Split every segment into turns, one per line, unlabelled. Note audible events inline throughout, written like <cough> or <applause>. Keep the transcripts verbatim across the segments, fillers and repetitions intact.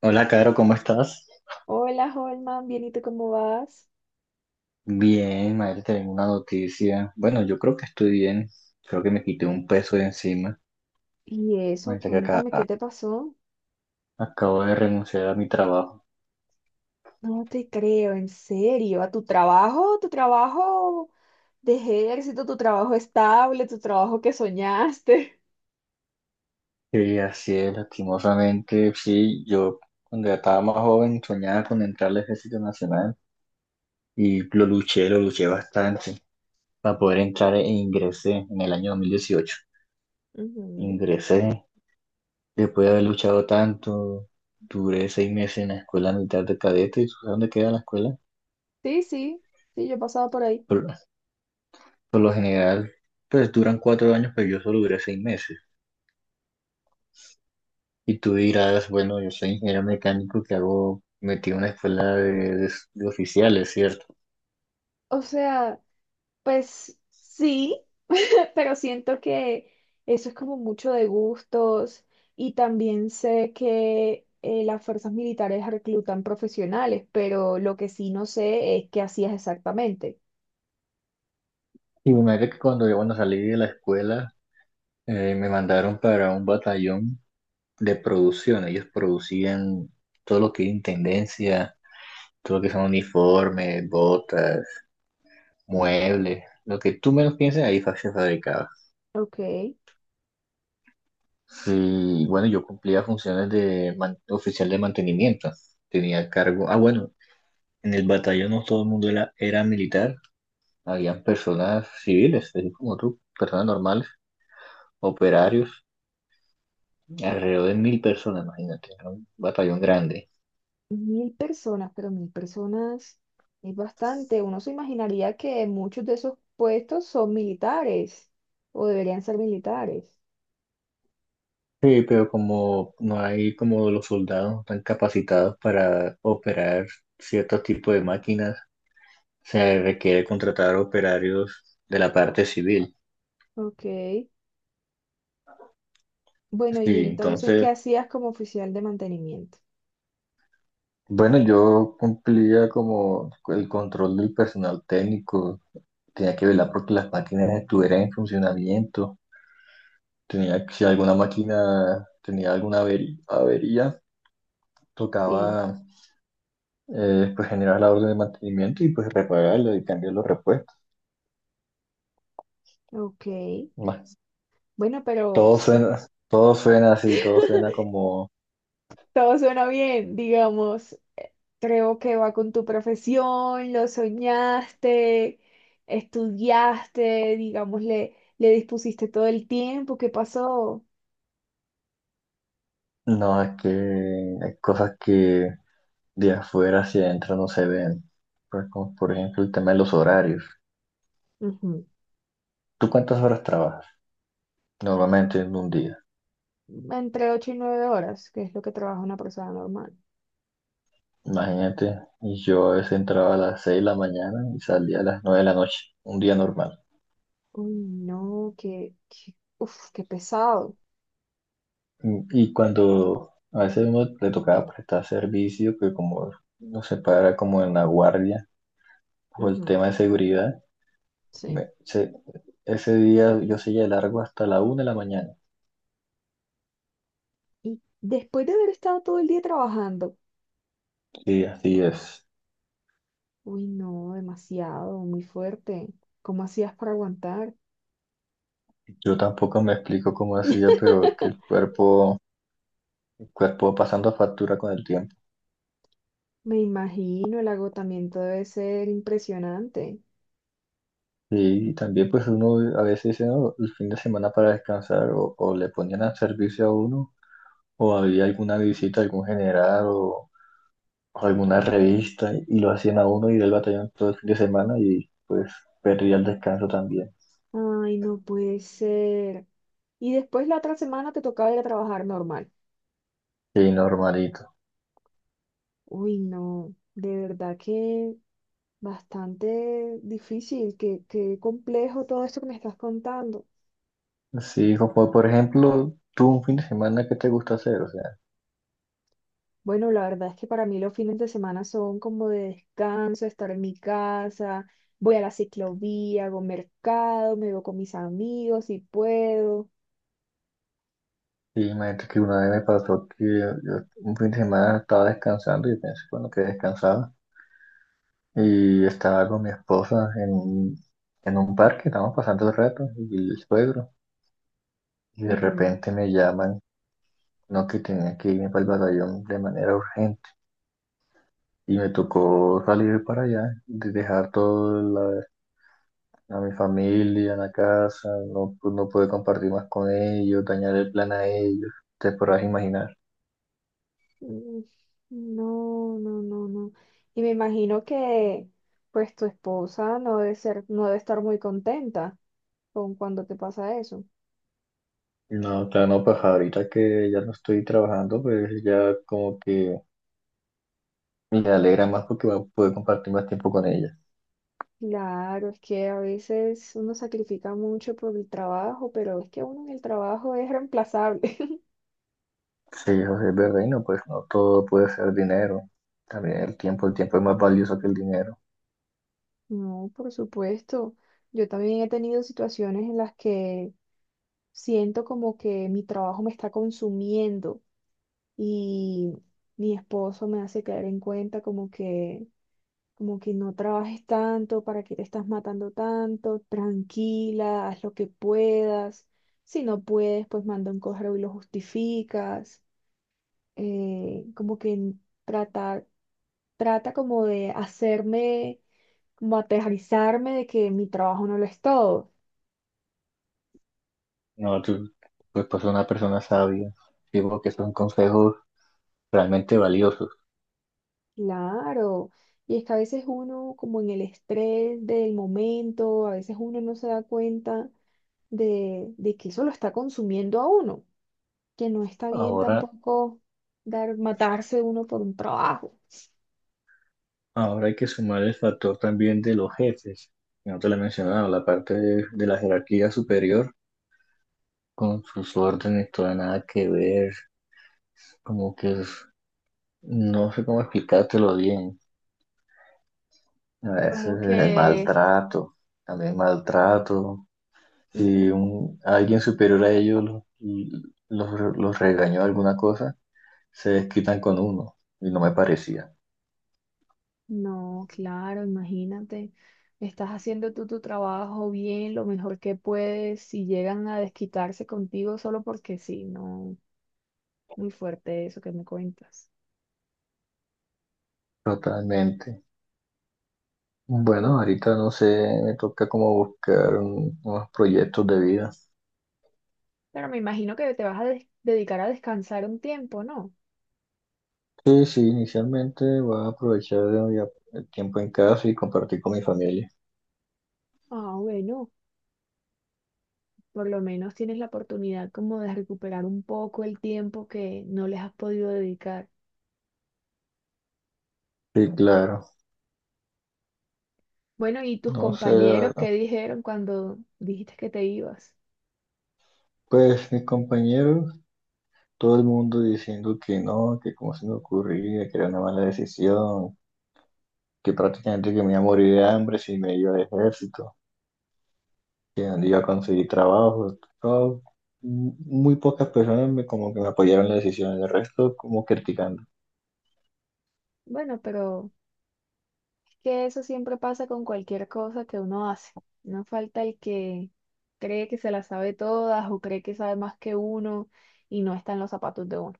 Hola, Caro, ¿cómo estás?
Hola, Holman, bien, ¿y tú cómo vas?
Bien, madre, te tengo una noticia. Bueno, yo creo que estoy bien. Creo que me quité un peso de encima.
Y eso,
Madre, que acá,
cuéntame, ¿qué
ah,
te pasó?
acabo de renunciar a mi trabajo.
No te creo, en serio, a tu trabajo, tu trabajo de ejército, tu trabajo estable, tu trabajo que soñaste.
Sí, así es, lastimosamente. Sí, yo cuando ya estaba más joven soñaba con entrar al Ejército Nacional y lo luché, lo luché bastante para poder entrar e ingresé en el año dos mil dieciocho.
<laughs> Ujú.
Ingresé después de haber luchado tanto. Duré seis meses en la escuela militar de cadete. ¿Sabes dónde queda la escuela?
Sí, sí, sí, yo he pasado por ahí.
Por lo general, pues duran cuatro años, pero yo solo duré seis meses. Y tú dirás, bueno, yo soy ingeniero mecánico que hago, metí una escuela de, de- de oficiales, ¿cierto?
O sea, pues sí, <laughs> pero siento que eso es como mucho de gustos y también sé que eh, las fuerzas militares reclutan profesionales, pero lo que sí no sé es qué hacías exactamente.
Y me imagino que cuando yo, bueno, salí de la escuela, eh, me mandaron para un batallón de producción. Ellos producían todo lo que es intendencia, todo lo que son uniformes, botas, muebles, lo que tú menos pienses, ahí fa- se fabricaba.
Ok.
Y bueno, yo cumplía funciones de man- oficial de mantenimiento. Tenía cargo. Ah, bueno, en el batallón no todo el mundo era, era militar. Habían personas civiles, así como tú, personas normales, operarios, alrededor de mil personas, imagínate. Era un batallón grande.
Mil personas, pero mil personas es bastante. Uno se imaginaría que muchos de esos puestos son militares o deberían ser militares.
Sí, pero como no hay como los soldados tan capacitados para operar ciertos tipos de máquinas, se requiere contratar operarios de la parte civil.
Ok, bueno, y
Sí,
entonces, ¿qué
entonces.
hacías como oficial de mantenimiento?
Bueno, yo cumplía como el control del personal técnico, tenía que velar porque las máquinas estuvieran en funcionamiento, tenía que, si alguna máquina tenía alguna averi- avería,
Sí,
tocaba eh, pues generar la orden de mantenimiento y pues repararla y cambiar los repuestos.
ok.
Más,
Bueno, pero
todo
sí.
suena, todo suena así, todo suena
<laughs>
como,
Todo suena bien, digamos. eh, Creo que va con tu profesión, lo soñaste, estudiaste, digamos, le, le dispusiste todo el tiempo que pasó.
no, es que hay cosas que de afuera hacia adentro no se ven, pues como por ejemplo el tema de los horarios.
Ujú.
¿Tú cuántas horas trabajas? Normalmente en un día.
Entre ocho y nueve horas, que es lo que trabaja una persona normal.
Imagínate, y yo a veces entraba a las seis de la mañana y salía a las nueve de la noche, un día normal.
Uy, no, qué, qué- Uf, qué pesado.
Y, y cuando a veces uno le tocaba prestar servicio, que como nos separa como en la guardia o el
Ujú.
tema de seguridad,
Sí.
me- se- ese día yo seguía de largo hasta la una de la mañana.
Y después de haber estado todo el día trabajando,
Sí, así es.
uy, no, demasiado, muy fuerte. ¿Cómo hacías para aguantar?
Yo tampoco me explico cómo hacía, pero que el
<laughs>
cuerpo, el cuerpo va pasando factura con el tiempo.
Me imagino, el agotamiento debe ser impresionante.
Sí, y también pues uno a veces dice, "No, el fin de semana para descansar o, o le ponían a servicio a uno o había alguna visita, algún general o, o alguna revista y lo hacían a uno y del batallón todo el fin de semana y pues perdía el descanso también."
Ay, no puede ser. Y después la otra semana te tocaba ir a trabajar normal.
Y normalito.
Uy, no, de verdad que bastante difícil, qué, qué complejo todo esto que me estás contando.
Sí, como por ejemplo, tú un fin de semana, ¿qué te gusta hacer? O sea,
Bueno, la verdad es que para mí los fines de semana son como de descanso, estar en mi casa, voy a la ciclovía, hago mercado, me veo con mis amigos si puedo.
y imagínate que una vez me pasó que yo un fin de semana estaba descansando y pensé, bueno, que descansaba. Y estaba con mi esposa en, en un parque, estábamos pasando el rato, y el suegro, y de
Ujú.
repente me llaman, no que tenía que irme para el batallón de manera urgente, y me tocó salir para allá, de dejar todo la- a mi familia en la casa, no, pues, no pude compartir más con ellos, dañar el plan a ellos, te podrás imaginar.
Mm. No, no, no, no. Y me imagino que pues tu esposa no debe ser, no debe estar muy contenta con cuando te pasa eso.
No, claro, no, pues ahorita que ya no estoy trabajando, pues ya como que me alegra más porque puedo compartir más tiempo con ella.
Claro, es que a veces uno sacrifica mucho por el trabajo, pero es que uno en el trabajo es reemplazable. <laughs>
Sí, eso sí es verdad, y no, pues no todo puede ser dinero. También el tiempo, el tiempo es más valioso que el dinero.
No, por supuesto. Yo también he tenido situaciones en las que siento como que mi trabajo me está consumiendo y mi esposo me hace caer en cuenta como que como que no trabajes tanto, para que te estás matando tanto, tranquila, haz lo que puedas. Si no puedes, pues manda un correo y lo justificas. Eh, como que n- Trata, trata como de hacerme, como aterrizarme de que mi trabajo no lo es todo.
No, tú, pues, pues una persona sabia. Digo que son consejos realmente valiosos.
Claro. Y es que a veces uno, como en el estrés del momento, a veces uno no se da cuenta de, de que eso lo está consumiendo a uno, que no está bien
Ahora,
tampoco dar, matarse uno por un trabajo.
ahora hay que sumar el factor también de los jefes. No te lo he mencionado, la parte de, de la jerarquía superior con sus órdenes, toda nada que ver. Como que es- no sé cómo explicártelo bien. A veces
Como
el
que,
maltrato, también maltrato. Si
Ujú.
un, alguien superior a ellos lo- los, los regañó alguna cosa, se desquitan con uno y no me parecía.
No, claro, imagínate, estás haciendo tú tu trabajo bien, lo mejor que puedes, y llegan a desquitarse contigo solo porque sí, no, muy fuerte eso que me cuentas.
Totalmente.
Bueno,
Bueno, ahorita no sé, me toca como buscar un- unos proyectos de vida.
pero me imagino que te vas a des- dedicar a descansar un tiempo, ¿no?
Sí, sí, inicialmente voy a aprovechar el día- el tiempo en casa y compartir con mi familia.
Ah, bueno, por lo menos tienes la oportunidad como de recuperar un poco el tiempo que no les has podido dedicar.
Sí, claro.
Bueno, ¿y tus
No sé, la
compañeros
verdad.
qué dijeron cuando dijiste que te ibas?
Pues mis compañeros, todo el mundo diciendo que no, que cómo se me ocurría, que era una mala decisión, que prácticamente que me iba a morir de hambre si me iba al ejército, que donde iba a conseguir trabajo. Todo. Muy pocas personas me, como que me apoyaron en la decisión, el resto como criticando.
Bueno, pero es que eso siempre pasa con cualquier cosa que uno hace. No falta el que cree que se la sabe todas o cree que sabe más que uno y no está en los zapatos de uno.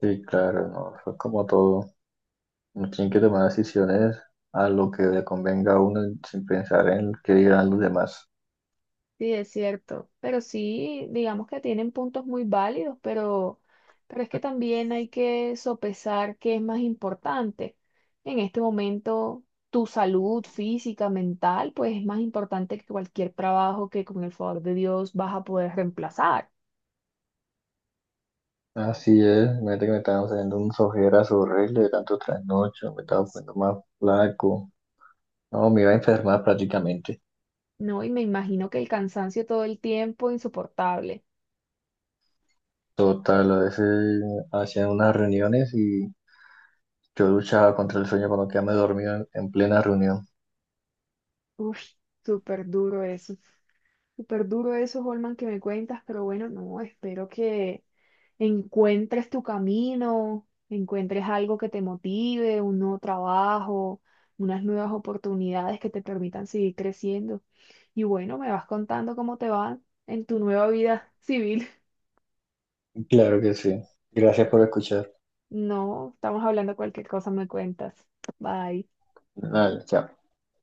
Sí, claro, no, eso es como todo. Uno tiene que tomar decisiones a lo que le convenga a uno sin pensar en qué dirán los demás.
Sí, es cierto, pero sí, digamos que tienen puntos muy válidos, pero, pero es que también hay que sopesar qué es más importante. En este momento, tu salud física, mental, pues es más importante que cualquier trabajo que con el favor de Dios vas a poder reemplazar,
Así es, imagínate que me estaban haciendo un ojeras horrible de tanto trasnocho, me estaba poniendo más flaco. No, me iba a enfermar prácticamente.
¿no? Y me imagino que el cansancio todo el tiempo, insoportable.
Total, a veces hacían unas reuniones y yo luchaba contra el sueño cuando quedaba dormido en, en plena reunión.
Uf, súper duro eso, súper duro eso, Holman, que me cuentas, pero bueno, no, espero que encuentres tu camino, encuentres algo que te motive, un nuevo trabajo, unas nuevas oportunidades que te permitan seguir creciendo. Y bueno, me vas contando cómo te va en tu nueva vida civil. <laughs>
Claro que sí. Gracias por escuchar.
No, estamos hablando cualquier cosa, me cuentas. Bye.
Dale, chao.